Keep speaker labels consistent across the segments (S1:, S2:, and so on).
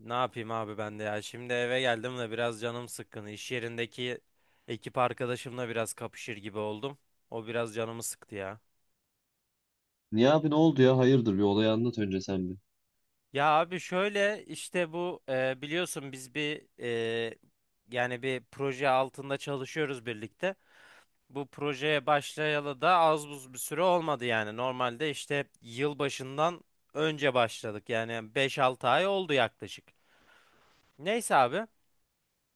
S1: Ne yapayım abi ben de ya. Şimdi eve geldim de biraz canım sıkkın. İş yerindeki ekip arkadaşımla biraz kapışır gibi oldum. O biraz canımı sıktı ya.
S2: Niye abi ne oldu ya? Hayırdır bir olayı anlat önce sen bir.
S1: Ya abi şöyle işte bu biliyorsun biz bir e, yani bir proje altında çalışıyoruz birlikte. Bu projeye başlayalı da az buz bir süre olmadı yani. Normalde işte yıl başından önce başladık. Yani 5-6 ay oldu yaklaşık. Neyse abi.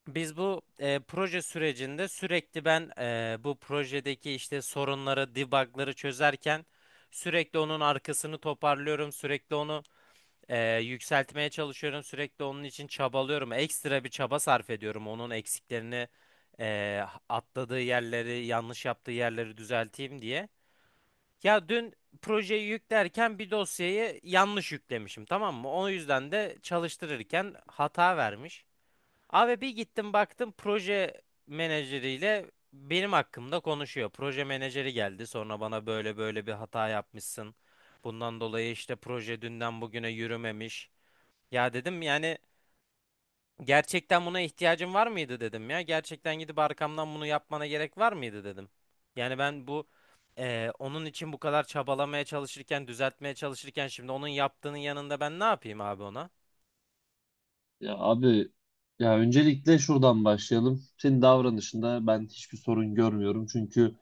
S1: Biz bu proje sürecinde sürekli ben bu projedeki işte sorunları, debugları çözerken sürekli onun arkasını toparlıyorum, sürekli onu yükseltmeye çalışıyorum, sürekli onun için çabalıyorum. Ekstra bir çaba sarf ediyorum onun eksiklerini, e, atladığı yerleri, yanlış yaptığı yerleri düzelteyim diye. Ya dün projeyi yüklerken bir dosyayı yanlış yüklemişim, tamam mı? O yüzden de çalıştırırken hata vermiş. Abi bir gittim baktım proje menajeriyle benim hakkımda konuşuyor. Proje menajeri geldi sonra bana böyle böyle bir hata yapmışsın. Bundan dolayı işte proje dünden bugüne yürümemiş. Ya dedim yani gerçekten buna ihtiyacın var mıydı dedim ya. Gerçekten gidip arkamdan bunu yapmana gerek var mıydı dedim. Yani ben bu onun için bu kadar çabalamaya çalışırken düzeltmeye çalışırken şimdi onun yaptığının yanında ben ne yapayım abi ona?
S2: Ya abi ya öncelikle şuradan başlayalım. Senin davranışında ben hiçbir sorun görmüyorum. Çünkü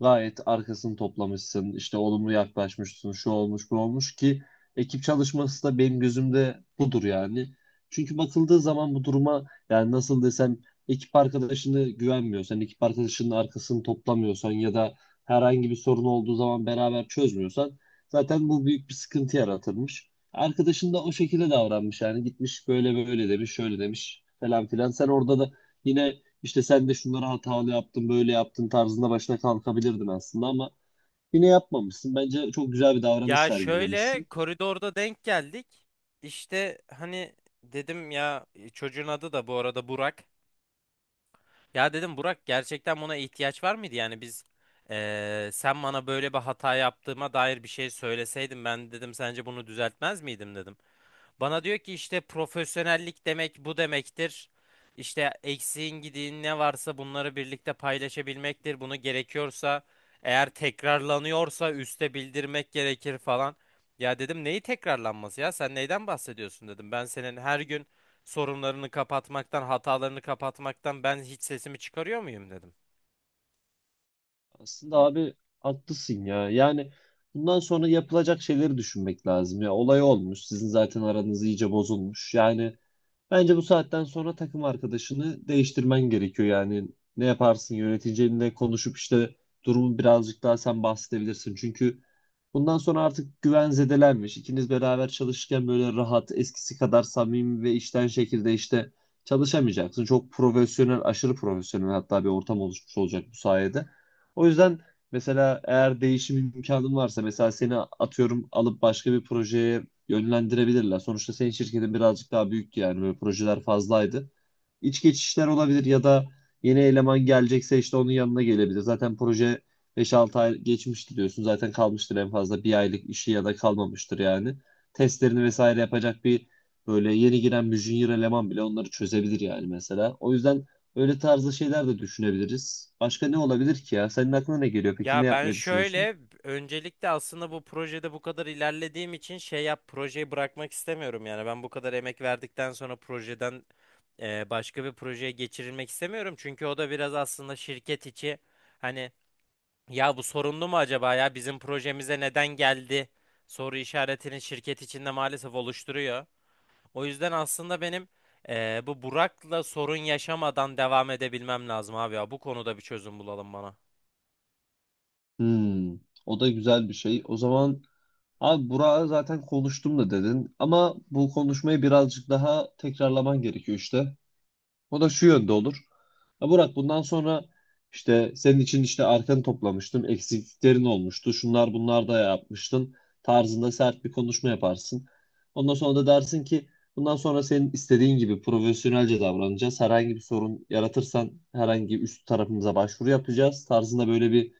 S2: gayet arkasını toplamışsın. İşte olumlu yaklaşmışsın. Şu olmuş bu olmuş ki ekip çalışması da benim gözümde budur yani. Çünkü bakıldığı zaman bu duruma yani nasıl desem, ekip arkadaşını güvenmiyorsan, ekip arkadaşının arkasını toplamıyorsan ya da herhangi bir sorun olduğu zaman beraber çözmüyorsan, zaten bu büyük bir sıkıntı yaratırmış. Arkadaşın da o şekilde davranmış yani gitmiş böyle böyle demiş şöyle demiş falan filan. Sen orada da yine işte sen de şunları hatalı yaptın böyle yaptın tarzında başına kalkabilirdin aslında, ama yine yapmamışsın. Bence çok güzel bir davranış
S1: Ya şöyle
S2: sergilemişsin.
S1: koridorda denk geldik. İşte hani dedim ya çocuğun adı da bu arada Burak. Ya dedim Burak gerçekten buna ihtiyaç var mıydı? Yani biz sen bana böyle bir hata yaptığıma dair bir şey söyleseydin ben dedim sence bunu düzeltmez miydim dedim. Bana diyor ki işte profesyonellik demek bu demektir. İşte eksiğin gidiğin ne varsa bunları birlikte paylaşabilmektir. Bunu gerekiyorsa eğer tekrarlanıyorsa üste bildirmek gerekir falan. Ya dedim neyi tekrarlanması ya sen neyden bahsediyorsun dedim. Ben senin her gün sorunlarını kapatmaktan hatalarını kapatmaktan ben hiç sesimi çıkarıyor muyum dedim.
S2: Aslında abi haklısın ya. Yani bundan sonra yapılacak şeyleri düşünmek lazım. Ya olay olmuş. Sizin zaten aranız iyice bozulmuş. Yani bence bu saatten sonra takım arkadaşını değiştirmen gerekiyor. Yani ne yaparsın, yöneticinle konuşup işte durumu birazcık daha sen bahsedebilirsin. Çünkü bundan sonra artık güven zedelenmiş. İkiniz beraber çalışırken böyle rahat, eskisi kadar samimi ve işten şekilde işte çalışamayacaksın. Çok profesyonel, aşırı profesyonel hatta bir ortam oluşmuş olacak bu sayede. O yüzden mesela eğer değişim imkanın varsa, mesela seni atıyorum alıp başka bir projeye yönlendirebilirler. Sonuçta senin şirketin birazcık daha büyüktü yani, böyle projeler fazlaydı. İç geçişler olabilir ya da yeni eleman gelecekse işte onun yanına gelebilir. Zaten proje 5-6 ay geçmişti diyorsun. Zaten kalmıştır en fazla bir aylık işi ya da kalmamıştır yani. Testlerini vesaire yapacak bir böyle yeni giren bir junior eleman bile onları çözebilir yani mesela. O yüzden öyle tarzda şeyler de düşünebiliriz. Başka ne olabilir ki ya? Senin aklına ne geliyor? Peki ne
S1: Ya ben
S2: yapmayı düşünüyorsun?
S1: şöyle öncelikle aslında bu projede bu kadar ilerlediğim için şey yap projeyi bırakmak istemiyorum yani ben bu kadar emek verdikten sonra projeden başka bir projeye geçirilmek istemiyorum çünkü o da biraz aslında şirket içi hani ya bu sorunlu mu acaba ya bizim projemize neden geldi soru işaretini şirket içinde maalesef oluşturuyor. O yüzden aslında benim bu Burak'la sorun yaşamadan devam edebilmem lazım abi ya bu konuda bir çözüm bulalım bana.
S2: Hmm, o da güzel bir şey. O zaman abi Burak'a zaten konuştum da dedin. Ama bu konuşmayı birazcık daha tekrarlaman gerekiyor işte. O da şu yönde olur. Ya Murat, bundan sonra işte senin için işte arkanı toplamıştım. Eksikliklerin olmuştu. Şunlar bunlar da yapmıştın. Tarzında sert bir konuşma yaparsın. Ondan sonra da dersin ki bundan sonra senin istediğin gibi profesyonelce davranacağız. Herhangi bir sorun yaratırsan herhangi üst tarafımıza başvuru yapacağız. Tarzında böyle bir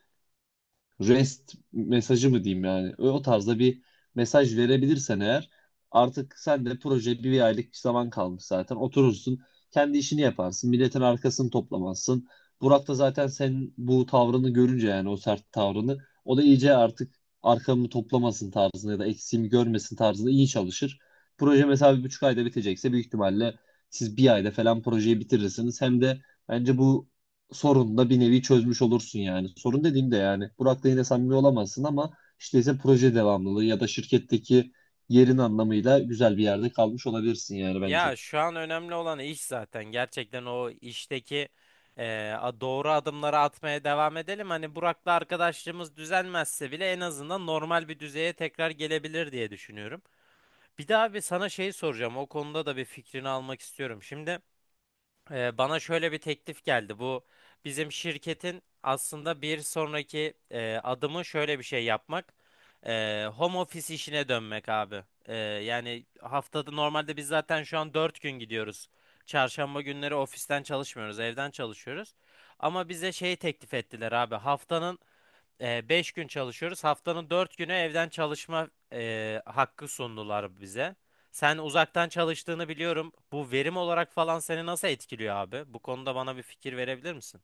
S2: rest mesajı mı diyeyim, yani o tarzda bir mesaj verebilirsen eğer, artık sen de proje bir aylık bir zaman kalmış zaten, oturursun kendi işini yaparsın, milletin arkasını toplamazsın. Burak da zaten senin bu tavrını görünce, yani o sert tavrını, o da iyice artık arkamı toplamasın tarzında ya da eksiğimi görmesin tarzında iyi çalışır. Proje mesela bir buçuk ayda bitecekse büyük ihtimalle siz bir ayda falan projeyi bitirirsiniz. Hem de bence bu sorununu da bir nevi çözmüş olursun yani. Sorun dediğimde yani Burak'la yine samimi olamazsın, ama işte ise proje devamlılığı ya da şirketteki yerin anlamıyla güzel bir yerde kalmış olabilirsin yani, bence.
S1: Ya şu an önemli olan iş zaten. Gerçekten o işteki doğru adımları atmaya devam edelim. Hani Burak'la arkadaşlığımız düzelmezse bile en azından normal bir düzeye tekrar gelebilir diye düşünüyorum. Bir daha bir sana şey soracağım. O konuda da bir fikrini almak istiyorum. Şimdi bana şöyle bir teklif geldi. Bu bizim şirketin aslında bir sonraki adımı şöyle bir şey yapmak. Home office işine dönmek abi. Yani haftada normalde biz zaten şu an 4 gün gidiyoruz. Çarşamba günleri ofisten çalışmıyoruz, evden çalışıyoruz. Ama bize şey teklif ettiler abi. Haftanın beş gün çalışıyoruz. Haftanın 4 günü evden çalışma hakkı sundular bize. Sen uzaktan çalıştığını biliyorum. Bu verim olarak falan seni nasıl etkiliyor abi? Bu konuda bana bir fikir verebilir misin?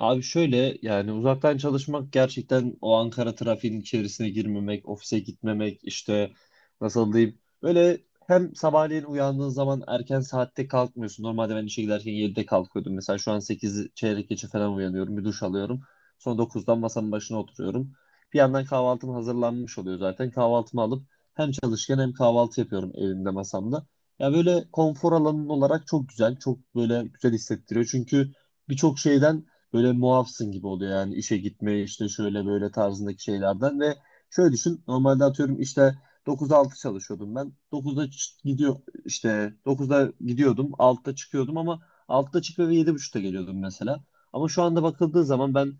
S2: Abi şöyle, yani uzaktan çalışmak gerçekten o Ankara trafiğinin içerisine girmemek, ofise gitmemek işte, nasıl diyeyim böyle, hem sabahleyin uyandığın zaman erken saatte kalkmıyorsun. Normalde ben işe giderken yedide kalkıyordum. Mesela şu an 8 çeyrek geçe falan uyanıyorum. Bir duş alıyorum. Sonra dokuzdan masanın başına oturuyorum. Bir yandan kahvaltım hazırlanmış oluyor zaten. Kahvaltımı alıp hem çalışırken hem kahvaltı yapıyorum evimde masamda. Ya böyle konfor alanın olarak çok güzel. Çok böyle güzel hissettiriyor. Çünkü birçok şeyden böyle muafsın gibi oluyor, yani işe gitme işte şöyle böyle tarzındaki şeylerden. Ve şöyle düşün, normalde atıyorum işte 9-6 çalışıyordum, ben 9'da gidiyordum, 6'da çıkıyordum, ama 6'da çıkıyor ve 7.30'da geliyordum mesela. Ama şu anda bakıldığı zaman ben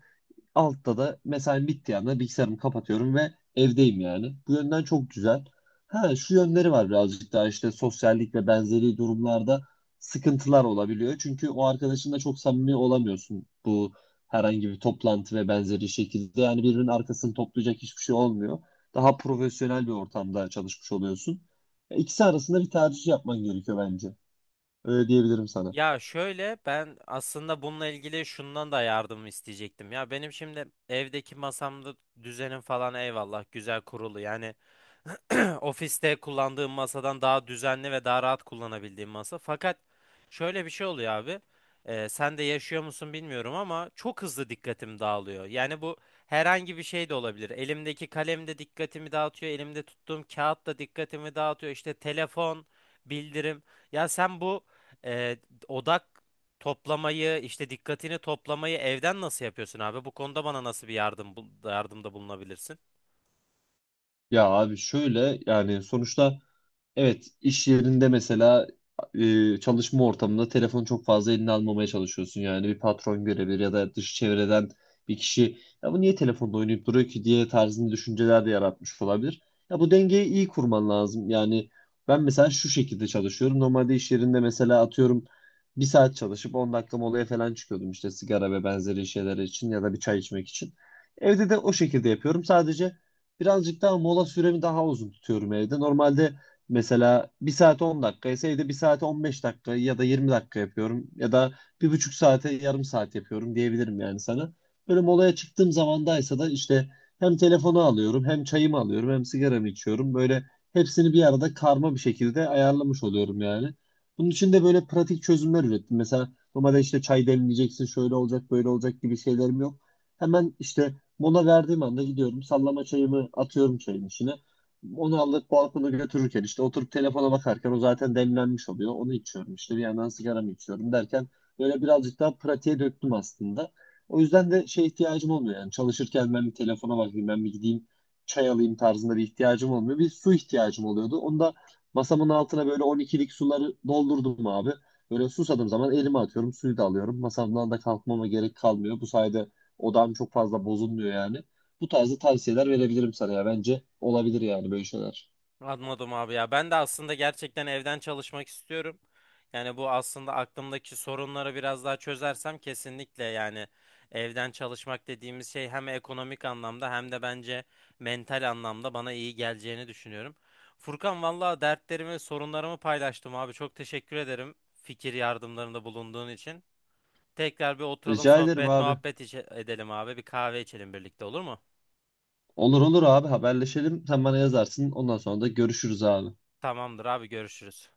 S2: altta da mesai bittiği anda bilgisayarımı kapatıyorum ve evdeyim yani. Bu yönden çok güzel. Ha, şu yönleri var, birazcık daha işte sosyallik ve benzeri durumlarda sıkıntılar olabiliyor. Çünkü o arkadaşınla çok samimi olamıyorsun bu herhangi bir toplantı ve benzeri şekilde. Yani birbirinin arkasını toplayacak hiçbir şey olmuyor. Daha profesyonel bir ortamda çalışmış oluyorsun. İkisi arasında bir tercih yapman gerekiyor bence. Öyle diyebilirim sana.
S1: Ya şöyle ben aslında bununla ilgili şundan da yardım isteyecektim. Ya benim şimdi evdeki masamda düzenim falan eyvallah güzel kurulu. Yani ofiste kullandığım masadan daha düzenli ve daha rahat kullanabildiğim masa. Fakat şöyle bir şey oluyor abi. Sen de yaşıyor musun bilmiyorum ama çok hızlı dikkatim dağılıyor. Yani bu herhangi bir şey de olabilir. Elimdeki kalem de dikkatimi dağıtıyor. Elimde tuttuğum kağıt da dikkatimi dağıtıyor. İşte telefon, bildirim. Ya sen bu e, odak toplamayı, işte dikkatini toplamayı evden nasıl yapıyorsun abi? Bu konuda bana nasıl bir yardım yardımda bulunabilirsin?
S2: Ya abi şöyle, yani sonuçta, evet, iş yerinde mesela, çalışma ortamında telefonu çok fazla eline almamaya çalışıyorsun. Yani bir patron görebilir ya da dış çevreden bir kişi ya bu niye telefonda oynayıp duruyor ki diye tarzında düşünceler de yaratmış olabilir. Ya bu dengeyi iyi kurman lazım. Yani ben mesela şu şekilde çalışıyorum. Normalde iş yerinde mesela atıyorum bir saat çalışıp 10 dakika molaya falan çıkıyordum işte sigara ve benzeri şeyler için ya da bir çay içmek için. Evde de o şekilde yapıyorum. Sadece birazcık daha mola süremi daha uzun tutuyorum evde. Normalde, mesela bir saate 10 dakika ise, evde bir saate 15 dakika ya da 20 dakika yapıyorum ya da bir buçuk saate yarım saat yapıyorum diyebilirim yani sana. Böyle molaya çıktığım zamandaysa da işte hem telefonu alıyorum hem çayımı alıyorum hem sigaramı içiyorum. Böyle hepsini bir arada karma bir şekilde ayarlamış oluyorum yani. Bunun için de böyle pratik çözümler ürettim. Mesela normalde işte çay demleyeceksin şöyle olacak böyle olacak gibi şeylerim yok. Hemen işte mola verdiğim anda gidiyorum, sallama çayımı atıyorum çayın içine. Onu alıp balkona götürürken işte oturup telefona bakarken o zaten demlenmiş oluyor. Onu içiyorum işte bir yandan sigaramı içiyorum derken böyle birazcık daha pratiğe döktüm aslında. O yüzden de şey ihtiyacım olmuyor, yani çalışırken ben bir telefona bakayım ben bir gideyim çay alayım tarzında bir ihtiyacım olmuyor. Bir su ihtiyacım oluyordu. Onu da masamın altına böyle 12'lik suları doldurdum abi. Böyle susadığım zaman elime atıyorum, suyu da alıyorum. Masamdan da kalkmama gerek kalmıyor. Bu sayede odam çok fazla bozulmuyor yani. Bu tarzda tavsiyeler verebilirim sana ya. Bence olabilir yani böyle şeyler.
S1: Anladım abi ya. Ben de aslında gerçekten evden çalışmak istiyorum. Yani bu aslında aklımdaki sorunları biraz daha çözersem kesinlikle yani evden çalışmak dediğimiz şey hem ekonomik anlamda hem de bence mental anlamda bana iyi geleceğini düşünüyorum. Furkan valla dertlerimi, sorunlarımı paylaştım abi. Çok teşekkür ederim fikir yardımlarında bulunduğun için. Tekrar bir oturalım
S2: Rica ederim
S1: sohbet
S2: abi.
S1: muhabbet edelim abi. Bir kahve içelim birlikte olur mu?
S2: Olur olur abi, haberleşelim. Sen bana yazarsın. Ondan sonra da görüşürüz abi.
S1: Tamamdır abi görüşürüz.